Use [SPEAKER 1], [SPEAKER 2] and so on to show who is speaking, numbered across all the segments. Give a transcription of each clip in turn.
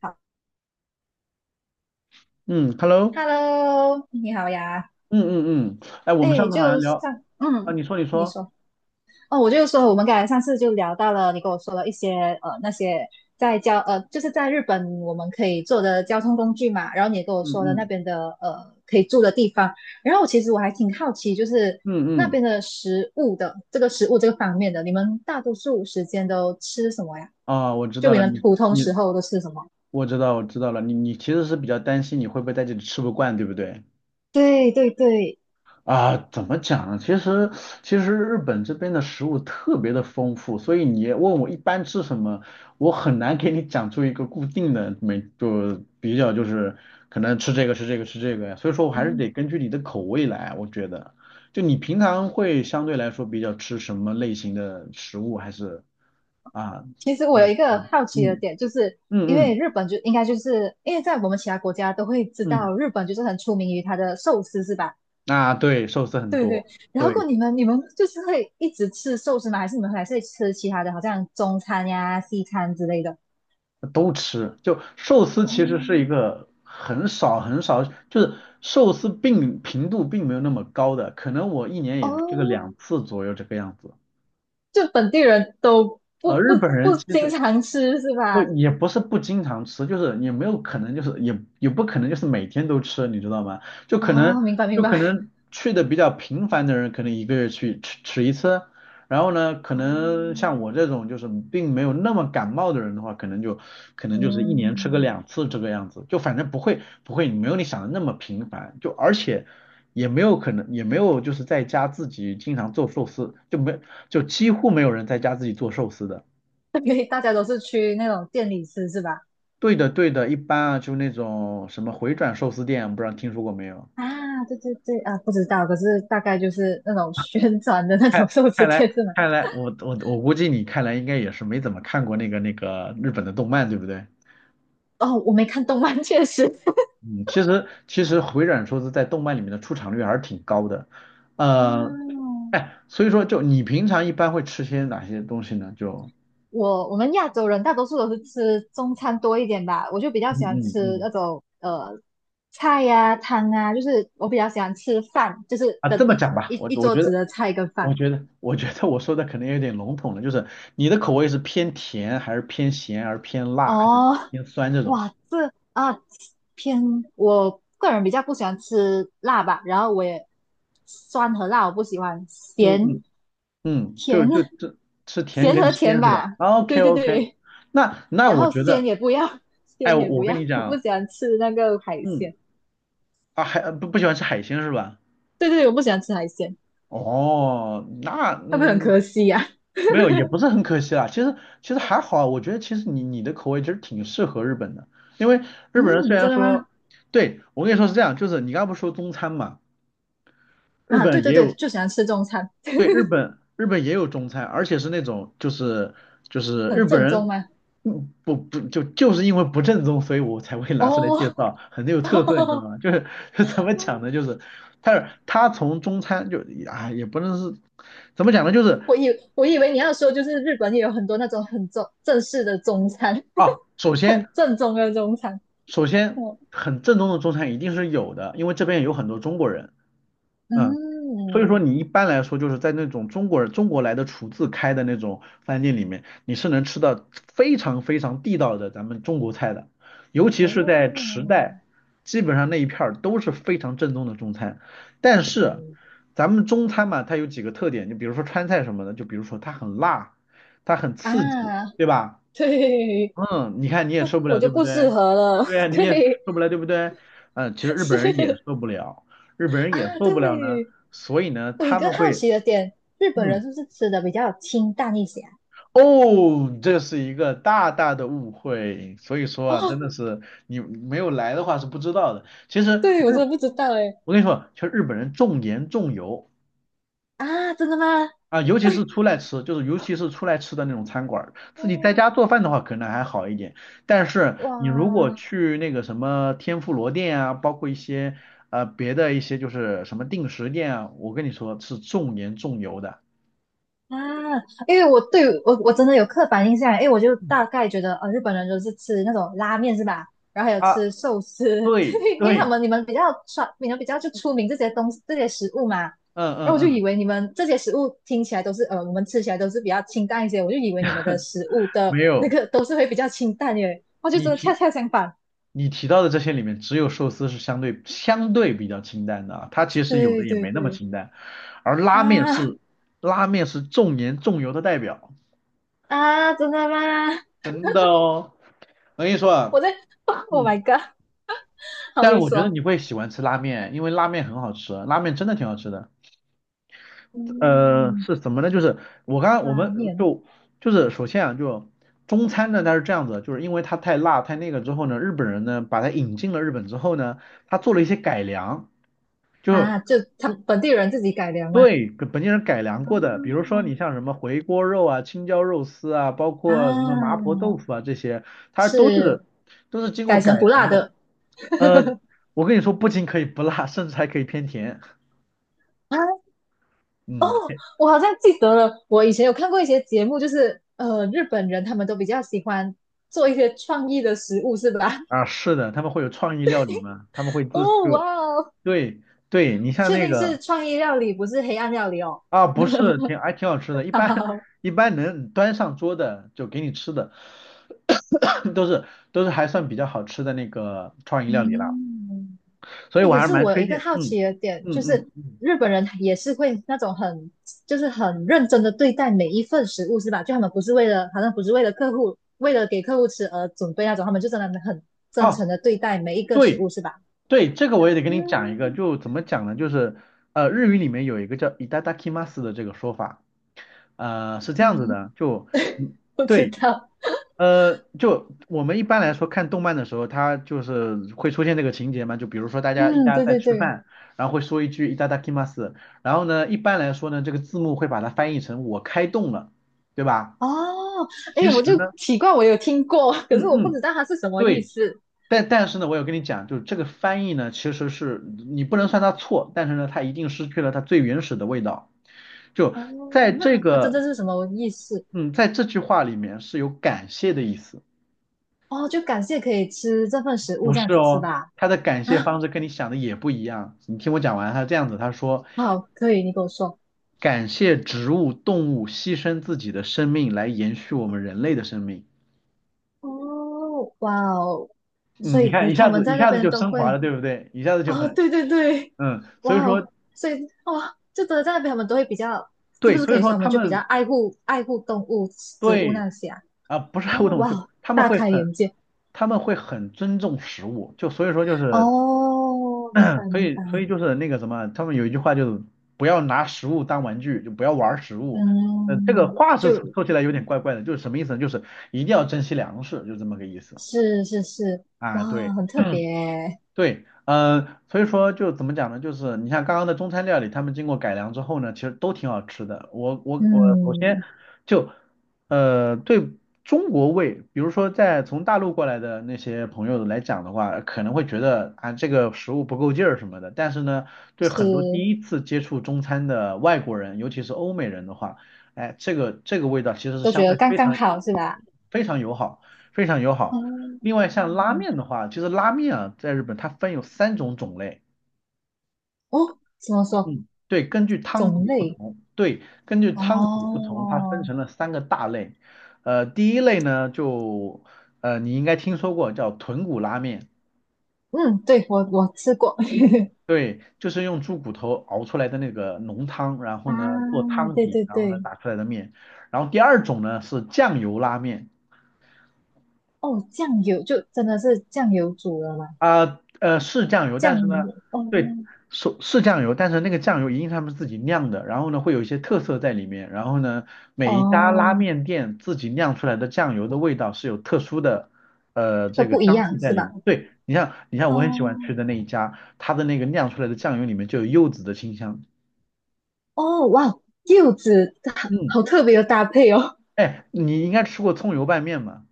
[SPEAKER 1] 好，
[SPEAKER 2] 嗯，Hello，
[SPEAKER 1] Hello，你好呀。
[SPEAKER 2] 嗯嗯嗯，哎，我们
[SPEAKER 1] 哎，
[SPEAKER 2] 上次好像
[SPEAKER 1] 就
[SPEAKER 2] 聊。
[SPEAKER 1] 上，
[SPEAKER 2] 啊，你说你
[SPEAKER 1] 你
[SPEAKER 2] 说。
[SPEAKER 1] 说，哦，我就说我们刚才上次就聊到了，你跟我说了一些那些在就是在日本我们可以坐的交通工具嘛，然后你也跟我
[SPEAKER 2] 嗯
[SPEAKER 1] 说了那
[SPEAKER 2] 嗯
[SPEAKER 1] 边的可以住的地方，然后我其实还挺好奇，就是
[SPEAKER 2] 嗯
[SPEAKER 1] 那
[SPEAKER 2] 嗯。
[SPEAKER 1] 边的食物这个方面的，你们大多数时间都吃什么呀？
[SPEAKER 2] 啊，我知
[SPEAKER 1] 就
[SPEAKER 2] 道
[SPEAKER 1] 你
[SPEAKER 2] 了，
[SPEAKER 1] 们
[SPEAKER 2] 你
[SPEAKER 1] 普通
[SPEAKER 2] 你
[SPEAKER 1] 时候都吃什么？
[SPEAKER 2] 我知道了，你其实是比较担心你会不会在这里吃不惯，对不对？
[SPEAKER 1] 对对对，
[SPEAKER 2] 啊，怎么讲呢？其实日本这边的食物特别的丰富，所以你问我一般吃什么，我很难给你讲出一个固定的没就比较就是可能吃这个吃这个吃这个呀。所以说我还是得根据你的口味来，我觉得。就你平常会相对来说比较吃什么类型的食物，还是啊？
[SPEAKER 1] 其实我有
[SPEAKER 2] 嗯
[SPEAKER 1] 一个好奇的
[SPEAKER 2] 嗯
[SPEAKER 1] 点，就是因
[SPEAKER 2] 嗯
[SPEAKER 1] 为
[SPEAKER 2] 嗯
[SPEAKER 1] 日本就应该就是因为在我们其他国家都会知道，日本就是很出名于它的寿司，是吧？
[SPEAKER 2] 嗯。啊对，寿司很
[SPEAKER 1] 对对。
[SPEAKER 2] 多。
[SPEAKER 1] 然后
[SPEAKER 2] 对。
[SPEAKER 1] 你们就是会一直吃寿司吗？还是你们还是会吃其他的，好像中餐呀、西餐之类的？
[SPEAKER 2] 都吃。就寿司
[SPEAKER 1] 哦。
[SPEAKER 2] 其实是一个很少很少，就是寿司并频度并没有那么高的，可能我一年也就吃个
[SPEAKER 1] 哦，
[SPEAKER 2] 两次左右这个样子。
[SPEAKER 1] 就本地人都不不
[SPEAKER 2] 日本人
[SPEAKER 1] 不
[SPEAKER 2] 其
[SPEAKER 1] 经
[SPEAKER 2] 实
[SPEAKER 1] 常吃是
[SPEAKER 2] 不
[SPEAKER 1] 吧？
[SPEAKER 2] 也不是不经常吃，就是也没有可能，就是也不可能就是每天都吃，你知道吗？就可能
[SPEAKER 1] 哦，明白明
[SPEAKER 2] 就可
[SPEAKER 1] 白。
[SPEAKER 2] 能去的比较频繁的人，可能一个月去吃吃一次。然后呢，可
[SPEAKER 1] 哦，
[SPEAKER 2] 能像我这种就是并没有那么感冒的人的话，可能就是一年吃个
[SPEAKER 1] 嗯，
[SPEAKER 2] 两次这个样子，就反正不会没有你想的那么频繁，就而且也没有可能也没有就是在家自己经常做寿司，就几乎没有人在家自己做寿司的。
[SPEAKER 1] 对，大家都是去那种店里吃是吧？
[SPEAKER 2] 对的，对的，一般啊，就那种什么回转寿司店，不知道听说过没有？
[SPEAKER 1] 啊，对对对啊，不知道，可是大概就是那种宣传的那种
[SPEAKER 2] 看，
[SPEAKER 1] 寿司
[SPEAKER 2] 看来，
[SPEAKER 1] 店是吗？
[SPEAKER 2] 看来，我估计你看来应该也是没怎么看过那个日本的动漫，对不对？
[SPEAKER 1] 哦，我没看动漫，确实。
[SPEAKER 2] 嗯，其实回转寿司在动漫里面的出场率还是挺高的。呃，
[SPEAKER 1] 哦，
[SPEAKER 2] 哎，所以说就你平常一般会吃些哪些东西呢？就
[SPEAKER 1] 我我们亚洲人大多数都是吃中餐多一点吧，我就比较
[SPEAKER 2] 嗯
[SPEAKER 1] 喜欢
[SPEAKER 2] 嗯
[SPEAKER 1] 吃
[SPEAKER 2] 嗯
[SPEAKER 1] 那种菜呀、汤啊，就是我比较喜欢吃饭，就是
[SPEAKER 2] 啊，
[SPEAKER 1] 跟
[SPEAKER 2] 这么讲吧，我
[SPEAKER 1] 一
[SPEAKER 2] 我
[SPEAKER 1] 桌
[SPEAKER 2] 觉
[SPEAKER 1] 子
[SPEAKER 2] 得
[SPEAKER 1] 的菜跟
[SPEAKER 2] 我
[SPEAKER 1] 饭。
[SPEAKER 2] 觉得我觉得我说的可能有点笼统了，就是你的口味是偏甜还是偏咸，还是偏辣，还是
[SPEAKER 1] 哦，
[SPEAKER 2] 偏酸这种？
[SPEAKER 1] 哇，这啊，偏，我个人比较不喜欢吃辣吧，然后我也酸和辣我不喜欢，
[SPEAKER 2] 嗯
[SPEAKER 1] 咸
[SPEAKER 2] 嗯嗯，就
[SPEAKER 1] 甜，
[SPEAKER 2] 就这吃甜
[SPEAKER 1] 咸
[SPEAKER 2] 跟
[SPEAKER 1] 和甜
[SPEAKER 2] 鲜是吧
[SPEAKER 1] 吧，对
[SPEAKER 2] ？OK
[SPEAKER 1] 对
[SPEAKER 2] OK。
[SPEAKER 1] 对，
[SPEAKER 2] 那
[SPEAKER 1] 然
[SPEAKER 2] 我
[SPEAKER 1] 后
[SPEAKER 2] 觉
[SPEAKER 1] 鲜
[SPEAKER 2] 得。
[SPEAKER 1] 也不要，
[SPEAKER 2] 哎，
[SPEAKER 1] 鲜
[SPEAKER 2] 我
[SPEAKER 1] 也不
[SPEAKER 2] 我跟
[SPEAKER 1] 要，
[SPEAKER 2] 你
[SPEAKER 1] 我不
[SPEAKER 2] 讲。
[SPEAKER 1] 喜欢吃那个海
[SPEAKER 2] 嗯
[SPEAKER 1] 鲜，
[SPEAKER 2] 啊还不喜欢吃海鲜是吧？
[SPEAKER 1] 对对，我不喜欢吃海鲜，
[SPEAKER 2] 哦，那
[SPEAKER 1] 会不会很
[SPEAKER 2] 嗯
[SPEAKER 1] 可惜呀？
[SPEAKER 2] 没有也不是很可惜啦。其实还好啊，我觉得其实你的口味其实挺适合日本的，因为 日本人虽
[SPEAKER 1] 嗯，
[SPEAKER 2] 然
[SPEAKER 1] 真的
[SPEAKER 2] 说，
[SPEAKER 1] 吗？
[SPEAKER 2] 对我跟你说是这样，就是你刚刚不是说中餐嘛，日
[SPEAKER 1] 啊，对
[SPEAKER 2] 本
[SPEAKER 1] 对
[SPEAKER 2] 也
[SPEAKER 1] 对，
[SPEAKER 2] 有
[SPEAKER 1] 就喜欢吃中餐，
[SPEAKER 2] 对，日本也有中餐，而且是那种就是日
[SPEAKER 1] 很
[SPEAKER 2] 本
[SPEAKER 1] 正宗
[SPEAKER 2] 人。
[SPEAKER 1] 吗？
[SPEAKER 2] 嗯，不就是因为不正宗，所以我才会拿出来介
[SPEAKER 1] 哦，
[SPEAKER 2] 绍，很有特色，你知道 吗？就是 就怎么讲呢？就是他从中餐就啊也不能是怎么讲呢？就是
[SPEAKER 1] 我以我以为你要说就是日本也有很多那种很正式的中餐，
[SPEAKER 2] 啊，首 先
[SPEAKER 1] 很正宗的中餐，
[SPEAKER 2] 首
[SPEAKER 1] 嗯。
[SPEAKER 2] 先很正宗的中餐一定是有的，因为这边有很多中国人。嗯。所以说
[SPEAKER 1] 嗯。
[SPEAKER 2] 你一般来说就是在那种中国人中国来的厨子开的那种饭店里面，你是能吃到非常非常地道的咱们中国菜的，尤其
[SPEAKER 1] 哦。
[SPEAKER 2] 是在池袋，基本上那一片儿都是非常正宗的中餐。但
[SPEAKER 1] 哦。
[SPEAKER 2] 是咱们中餐嘛，它有几个特点，就比如说川菜什么的，就比如说它很辣，它很刺激，
[SPEAKER 1] 啊，
[SPEAKER 2] 对吧？
[SPEAKER 1] 对，
[SPEAKER 2] 嗯，你看你也
[SPEAKER 1] 那
[SPEAKER 2] 受不
[SPEAKER 1] 我
[SPEAKER 2] 了，
[SPEAKER 1] 就
[SPEAKER 2] 对不
[SPEAKER 1] 不适
[SPEAKER 2] 对？
[SPEAKER 1] 合了。
[SPEAKER 2] 对呀，你也
[SPEAKER 1] 对，
[SPEAKER 2] 受不了，对不对？嗯，其实日本人也
[SPEAKER 1] 是。
[SPEAKER 2] 受不了，日本人也
[SPEAKER 1] 啊，
[SPEAKER 2] 受不了呢，
[SPEAKER 1] 对。
[SPEAKER 2] 所以呢，
[SPEAKER 1] 我有一
[SPEAKER 2] 他
[SPEAKER 1] 个
[SPEAKER 2] 们
[SPEAKER 1] 好
[SPEAKER 2] 会。
[SPEAKER 1] 奇的点，日本
[SPEAKER 2] 嗯。
[SPEAKER 1] 人是不是吃的比较清淡一些啊？
[SPEAKER 2] 哦，这是一个大大的误会，所以说啊，真
[SPEAKER 1] 哦，
[SPEAKER 2] 的是你没有来的话是不知道的。其实
[SPEAKER 1] 对，我真
[SPEAKER 2] 日，
[SPEAKER 1] 的不知道哎。
[SPEAKER 2] 我跟你说，其实日本人重盐重油。
[SPEAKER 1] 啊，真的吗？
[SPEAKER 2] 啊，
[SPEAKER 1] 哎，
[SPEAKER 2] 尤其是出来吃的那种餐馆儿，自己在
[SPEAKER 1] 哦，
[SPEAKER 2] 家做饭的话可能还好一点，但是你如果
[SPEAKER 1] 哇，
[SPEAKER 2] 去那个什么天妇罗店啊，包括一些别的一些就是什么定时店啊，我跟你说是重盐重油的
[SPEAKER 1] 啊，因为我对我我真的有刻板印象，因为我就大概觉得，呃，日本人都是吃那种拉面是吧？然后还有
[SPEAKER 2] 啊。
[SPEAKER 1] 吃寿司，
[SPEAKER 2] 对
[SPEAKER 1] 对因为他
[SPEAKER 2] 对。
[SPEAKER 1] 们你们比较传，你们比较就出名这些东西这些食物嘛。
[SPEAKER 2] 嗯
[SPEAKER 1] 然后我就
[SPEAKER 2] 嗯嗯。
[SPEAKER 1] 以为你们这些食物听起来都是，呃，我们吃起来都是比较清淡一些，我就以为你们的食物的
[SPEAKER 2] 没有。
[SPEAKER 1] 都是会比较清淡耶，我就
[SPEAKER 2] 你
[SPEAKER 1] 真的恰
[SPEAKER 2] 提
[SPEAKER 1] 恰相反。
[SPEAKER 2] 你提到的这些里面，只有寿司是相对比较清淡的啊，它其实有的
[SPEAKER 1] 对
[SPEAKER 2] 也
[SPEAKER 1] 对
[SPEAKER 2] 没那么
[SPEAKER 1] 对，
[SPEAKER 2] 清淡，而
[SPEAKER 1] 啊。
[SPEAKER 2] 拉面是重盐重油的代表。
[SPEAKER 1] 啊，真的吗？
[SPEAKER 2] 真的哦。我跟你说啊。
[SPEAKER 1] 我在 ，Oh my
[SPEAKER 2] 嗯。
[SPEAKER 1] god！好，
[SPEAKER 2] 但是
[SPEAKER 1] 你
[SPEAKER 2] 我觉得
[SPEAKER 1] 说，
[SPEAKER 2] 你会喜欢吃拉面，因为拉面很好吃，拉面真的挺好吃的。
[SPEAKER 1] 嗯，
[SPEAKER 2] 是怎么呢？就是我刚刚我
[SPEAKER 1] 拉
[SPEAKER 2] 们
[SPEAKER 1] 面。
[SPEAKER 2] 就就是首先啊，就中餐呢它是这样子，就是因为它太辣太那个之后呢，日本人呢把它引进了日本之后呢，他做了一些改良，就
[SPEAKER 1] 啊，就他们本地人自己改良吗？
[SPEAKER 2] 对跟本地人改良过的，比如
[SPEAKER 1] 啊。
[SPEAKER 2] 说你像什么回锅肉啊、青椒肉丝啊，包括什么麻
[SPEAKER 1] 啊，
[SPEAKER 2] 婆豆腐啊这些，它
[SPEAKER 1] 是
[SPEAKER 2] 都是经
[SPEAKER 1] 改
[SPEAKER 2] 过
[SPEAKER 1] 成
[SPEAKER 2] 改
[SPEAKER 1] 不
[SPEAKER 2] 良
[SPEAKER 1] 辣
[SPEAKER 2] 的。
[SPEAKER 1] 的。
[SPEAKER 2] 呃，我跟你说，不仅可以不辣，甚至还可以偏甜。
[SPEAKER 1] 啊！
[SPEAKER 2] 嗯。
[SPEAKER 1] 我好像记得了，我以前有看过一些节目，就是日本人他们都比较喜欢做一些创意的食物，是吧？
[SPEAKER 2] 啊，是的，他们会有创意料理嘛，他们会
[SPEAKER 1] 哦，哇哦，
[SPEAKER 2] 对对，你像
[SPEAKER 1] 确
[SPEAKER 2] 那
[SPEAKER 1] 定
[SPEAKER 2] 个
[SPEAKER 1] 是创意料理，不是黑暗料理哦。
[SPEAKER 2] 啊，不是挺好吃的，一 般
[SPEAKER 1] 好，
[SPEAKER 2] 一般能端上桌的就给你吃的，都是都是还算比较好吃的那个创意料理啦，
[SPEAKER 1] 嗯。
[SPEAKER 2] 所以
[SPEAKER 1] 哎，
[SPEAKER 2] 我
[SPEAKER 1] 可
[SPEAKER 2] 还是
[SPEAKER 1] 是
[SPEAKER 2] 蛮
[SPEAKER 1] 我有
[SPEAKER 2] 推
[SPEAKER 1] 一个
[SPEAKER 2] 荐。
[SPEAKER 1] 好
[SPEAKER 2] 嗯
[SPEAKER 1] 奇的点就是，
[SPEAKER 2] 嗯嗯。
[SPEAKER 1] 日本人也是会那种很，就是很认真的对待每一份食物，是吧？就他们不是为了，好像不是为了客户，为了给客户吃而准备那种，他们就真的很真
[SPEAKER 2] 哦，
[SPEAKER 1] 诚的对待每一个食物，
[SPEAKER 2] 对
[SPEAKER 1] 是吧？
[SPEAKER 2] 对，这个我也得跟你讲一个，
[SPEAKER 1] 嗯，
[SPEAKER 2] 就怎么讲呢？就是日语里面有一个叫 i t a d a k i 的这个说法。是 这样子
[SPEAKER 1] 嗯，
[SPEAKER 2] 的，就嗯
[SPEAKER 1] 不知
[SPEAKER 2] 对。
[SPEAKER 1] 道，
[SPEAKER 2] 就我们一般来说看动漫的时候，它就是会出现这个情节嘛，就比如说大家一
[SPEAKER 1] 嗯，
[SPEAKER 2] 家
[SPEAKER 1] 对
[SPEAKER 2] 在
[SPEAKER 1] 对
[SPEAKER 2] 吃
[SPEAKER 1] 对，
[SPEAKER 2] 饭，然后会说一句 i t a d a k i 然后呢，一般来说呢，这个字幕会把它翻译成我开动了，对吧？
[SPEAKER 1] 哦，哎，
[SPEAKER 2] 其
[SPEAKER 1] 我
[SPEAKER 2] 实
[SPEAKER 1] 就
[SPEAKER 2] 呢，
[SPEAKER 1] 奇怪，我有听过，可是
[SPEAKER 2] 嗯
[SPEAKER 1] 我不知
[SPEAKER 2] 嗯。
[SPEAKER 1] 道它是什么意
[SPEAKER 2] 对，
[SPEAKER 1] 思。
[SPEAKER 2] 但是呢，我有跟你讲，就是这个翻译呢，其实是你不能算它错，但是呢，它一定失去了它最原始的味道。就在
[SPEAKER 1] 哦，
[SPEAKER 2] 这
[SPEAKER 1] 那它真
[SPEAKER 2] 个，
[SPEAKER 1] 正是什么意思？
[SPEAKER 2] 嗯，在这句话里面是有感谢的意思。
[SPEAKER 1] 哦，就感谢可以吃这份食物
[SPEAKER 2] 不
[SPEAKER 1] 这样
[SPEAKER 2] 是
[SPEAKER 1] 子是
[SPEAKER 2] 哦。
[SPEAKER 1] 吧？
[SPEAKER 2] 他的感谢
[SPEAKER 1] 啊，
[SPEAKER 2] 方式跟你想的也不一样。你听我讲完，他这样子，他说
[SPEAKER 1] 好，可以，你跟我说。
[SPEAKER 2] 感谢植物、动物牺牲自己的生命来延续我们人类的生命。
[SPEAKER 1] 哦，哇哦，
[SPEAKER 2] 嗯，
[SPEAKER 1] 所
[SPEAKER 2] 你
[SPEAKER 1] 以
[SPEAKER 2] 看
[SPEAKER 1] 你
[SPEAKER 2] 一
[SPEAKER 1] 他
[SPEAKER 2] 下
[SPEAKER 1] 们
[SPEAKER 2] 子一
[SPEAKER 1] 在那
[SPEAKER 2] 下子
[SPEAKER 1] 边
[SPEAKER 2] 就
[SPEAKER 1] 都
[SPEAKER 2] 升华了，
[SPEAKER 1] 会，
[SPEAKER 2] 对不对？一下子就
[SPEAKER 1] 哦，
[SPEAKER 2] 很。
[SPEAKER 1] 对对对，
[SPEAKER 2] 嗯，所以
[SPEAKER 1] 哇
[SPEAKER 2] 说
[SPEAKER 1] 哦，所以哇，就真的在那边他们都会比较，是不
[SPEAKER 2] 对，
[SPEAKER 1] 是
[SPEAKER 2] 所
[SPEAKER 1] 可
[SPEAKER 2] 以
[SPEAKER 1] 以
[SPEAKER 2] 说
[SPEAKER 1] 说他
[SPEAKER 2] 他
[SPEAKER 1] 们就比较
[SPEAKER 2] 们
[SPEAKER 1] 爱护动物、植物
[SPEAKER 2] 对
[SPEAKER 1] 那些啊？
[SPEAKER 2] 啊，不是爱护
[SPEAKER 1] 哦，
[SPEAKER 2] 动物
[SPEAKER 1] 哇
[SPEAKER 2] 就
[SPEAKER 1] 哦，大开眼界。
[SPEAKER 2] 他们会很尊重食物，就所以说就是
[SPEAKER 1] 哦，明白
[SPEAKER 2] 所
[SPEAKER 1] 明
[SPEAKER 2] 以
[SPEAKER 1] 白，
[SPEAKER 2] 所以就是那个什么，他们有一句话就是不要拿食物当玩具，就不要玩儿食物。这个
[SPEAKER 1] 嗯，
[SPEAKER 2] 话是说
[SPEAKER 1] 就。
[SPEAKER 2] 说起来有点怪怪的，就是什么意思呢？就是一定要珍惜粮食，就这么个意思
[SPEAKER 1] 是是是，
[SPEAKER 2] 啊。
[SPEAKER 1] 哇，
[SPEAKER 2] 对。
[SPEAKER 1] 很特别欸。
[SPEAKER 2] 对，所以说就怎么讲呢？就是你像刚刚的中餐料理，他们经过改良之后呢，其实都挺好吃的。我首先
[SPEAKER 1] 嗯，
[SPEAKER 2] 就对中国胃，比如说在从大陆过来的那些朋友来讲的话，可能会觉得啊这个食物不够劲儿什么的。但是呢，对
[SPEAKER 1] 是。
[SPEAKER 2] 很多第一次接触中餐的外国人，尤其是欧美人的话，哎，这个味道其实是
[SPEAKER 1] 都
[SPEAKER 2] 相
[SPEAKER 1] 觉得
[SPEAKER 2] 对
[SPEAKER 1] 刚
[SPEAKER 2] 非
[SPEAKER 1] 刚
[SPEAKER 2] 常
[SPEAKER 1] 好是吧？
[SPEAKER 2] 非常友好，非常友好。
[SPEAKER 1] 嗯，
[SPEAKER 2] 另外像拉面的话，其实拉面啊，在日本它分有3种种类。
[SPEAKER 1] 哦，怎么说？
[SPEAKER 2] 嗯，对，根据汤
[SPEAKER 1] 种
[SPEAKER 2] 底不
[SPEAKER 1] 类？
[SPEAKER 2] 同，对，根据汤底不同，它分
[SPEAKER 1] 哦，
[SPEAKER 2] 成了3个大类。第一类呢，就你应该听说过叫豚骨拉面，
[SPEAKER 1] 嗯，对，我我吃过。
[SPEAKER 2] 对，就是用猪骨头熬出来的那个浓汤，然后
[SPEAKER 1] 啊，
[SPEAKER 2] 呢做汤
[SPEAKER 1] 对
[SPEAKER 2] 底，
[SPEAKER 1] 对
[SPEAKER 2] 然后呢
[SPEAKER 1] 对，
[SPEAKER 2] 打出来的面。然后第二种呢是酱油拉面。
[SPEAKER 1] 哦，酱油就真的是酱油煮的嘛，
[SPEAKER 2] 啊是酱油，但是
[SPEAKER 1] 酱
[SPEAKER 2] 呢，
[SPEAKER 1] 油，哦。
[SPEAKER 2] 对，是酱油，但是那个酱油一定是他们自己酿的，然后呢会有一些特色在里面，然后呢每一家拉
[SPEAKER 1] 哦，
[SPEAKER 2] 面店自己酿出来的酱油的味道是有特殊的
[SPEAKER 1] 都
[SPEAKER 2] 这个
[SPEAKER 1] 不一
[SPEAKER 2] 香气
[SPEAKER 1] 样
[SPEAKER 2] 在
[SPEAKER 1] 是
[SPEAKER 2] 里面。
[SPEAKER 1] 吧？
[SPEAKER 2] 对，你像我很喜欢
[SPEAKER 1] 哦。
[SPEAKER 2] 吃的那一家，它的那个酿出来的酱油里面就有柚子的清香。
[SPEAKER 1] 哦，哇，柚子好
[SPEAKER 2] 嗯。
[SPEAKER 1] 好特别的搭配哦，
[SPEAKER 2] 哎，你应该吃过葱油拌面嘛？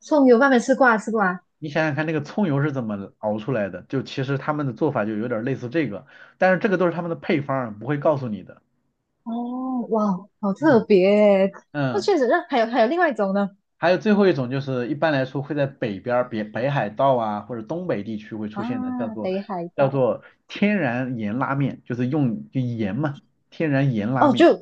[SPEAKER 1] 葱油拌面吃过啊，吃过啊，
[SPEAKER 2] 你想想看，那个葱油是怎么熬出来的？就其实他们的做法就有点类似这个，但是这个都是他们的配方儿，不会告诉你的。
[SPEAKER 1] 哦哇，好特
[SPEAKER 2] 嗯
[SPEAKER 1] 别耶。那
[SPEAKER 2] 嗯。
[SPEAKER 1] 确实，那还有还有另外一种呢，
[SPEAKER 2] 还有最后一种就是一般来说会在北边儿北海道啊或者东北地区会出现的，
[SPEAKER 1] 啊，北海
[SPEAKER 2] 叫
[SPEAKER 1] 道，
[SPEAKER 2] 做天然盐拉面，就是用就盐嘛，天然盐拉
[SPEAKER 1] 哦，
[SPEAKER 2] 面
[SPEAKER 1] 就，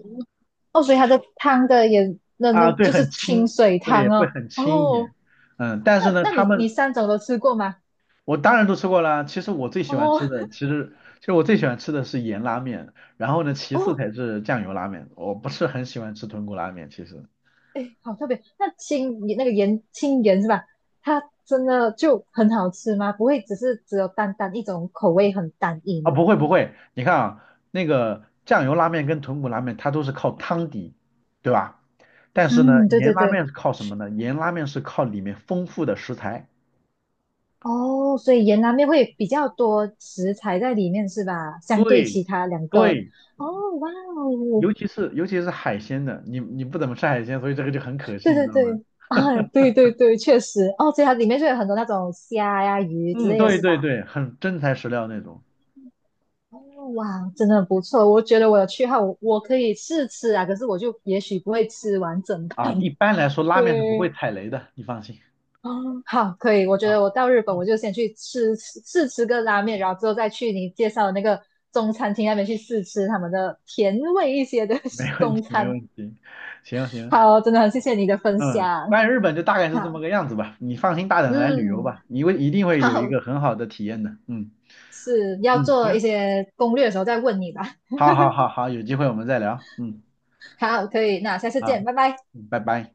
[SPEAKER 1] 哦，所以它的汤的也，那那
[SPEAKER 2] 啊，对，
[SPEAKER 1] 就是
[SPEAKER 2] 很
[SPEAKER 1] 清
[SPEAKER 2] 轻，
[SPEAKER 1] 水汤
[SPEAKER 2] 对，会
[SPEAKER 1] 哦。
[SPEAKER 2] 很轻一点。
[SPEAKER 1] 哦，
[SPEAKER 2] 嗯，但
[SPEAKER 1] 那
[SPEAKER 2] 是呢，
[SPEAKER 1] 那你你三种都吃过吗？
[SPEAKER 2] 我当然都吃过啦。其实我最喜欢
[SPEAKER 1] 哦。
[SPEAKER 2] 吃的，其实其实我最喜欢吃的是盐拉面，然后呢，其次
[SPEAKER 1] 哦，
[SPEAKER 2] 才是酱油拉面。我不是很喜欢吃豚骨拉面，其实。
[SPEAKER 1] 哎，好特别。那青那个盐，青盐是吧？它真的就很好吃吗？不会只是只有单单一种口味很单一
[SPEAKER 2] 啊，
[SPEAKER 1] 吗？
[SPEAKER 2] 不会不会，你看啊，那个酱油拉面跟豚骨拉面它都是靠汤底，对吧？但是呢，
[SPEAKER 1] 嗯，对
[SPEAKER 2] 盐
[SPEAKER 1] 对
[SPEAKER 2] 拉
[SPEAKER 1] 对。
[SPEAKER 2] 面是靠什么呢？盐拉面是靠里面丰富的食材。
[SPEAKER 1] 哦，所以盐拉面会比较多食材在里面是吧？相对
[SPEAKER 2] 对
[SPEAKER 1] 其他两个。
[SPEAKER 2] 对，
[SPEAKER 1] 哦，哇哦，
[SPEAKER 2] 尤其是海鲜的，你不怎么吃海鲜，所以这个就很可
[SPEAKER 1] 对
[SPEAKER 2] 信，你
[SPEAKER 1] 对
[SPEAKER 2] 知道吗？
[SPEAKER 1] 对啊，对对对，确实哦，所以它里面就有很多那种虾呀、鱼之
[SPEAKER 2] 嗯，
[SPEAKER 1] 类的
[SPEAKER 2] 对
[SPEAKER 1] 是
[SPEAKER 2] 对
[SPEAKER 1] 吧？
[SPEAKER 2] 对，很真材实料那种
[SPEAKER 1] 哦哇，真的很不错，我觉得我有去后，我我可以试吃啊，可是我就也许不会吃完整
[SPEAKER 2] 啊。一
[SPEAKER 1] 盘。
[SPEAKER 2] 般来说，拉面是不会
[SPEAKER 1] 对，
[SPEAKER 2] 踩雷的，你放心
[SPEAKER 1] 哦，好，可以，我觉
[SPEAKER 2] 啊。
[SPEAKER 1] 得我到日本我就先去试吃个拉面，然后之后再去你介绍的那个中餐厅那边去试吃他们的甜味一些的
[SPEAKER 2] 没 问
[SPEAKER 1] 中
[SPEAKER 2] 题没
[SPEAKER 1] 餐。
[SPEAKER 2] 问题。行行。
[SPEAKER 1] 好，真的很谢谢你的分
[SPEAKER 2] 嗯，
[SPEAKER 1] 享。
[SPEAKER 2] 关于日本就大概
[SPEAKER 1] 好，
[SPEAKER 2] 是这么个样子吧，你放心大胆的来旅游
[SPEAKER 1] 嗯，
[SPEAKER 2] 吧，你一定会有一
[SPEAKER 1] 好，
[SPEAKER 2] 个很好的体验的。嗯
[SPEAKER 1] 是要
[SPEAKER 2] 嗯。
[SPEAKER 1] 做
[SPEAKER 2] 行。
[SPEAKER 1] 一些攻略的时候再问你吧。
[SPEAKER 2] 好好好好，有机会我们再聊。嗯。
[SPEAKER 1] 好，可以，那下次
[SPEAKER 2] 啊。
[SPEAKER 1] 见，拜拜。
[SPEAKER 2] 嗯拜拜。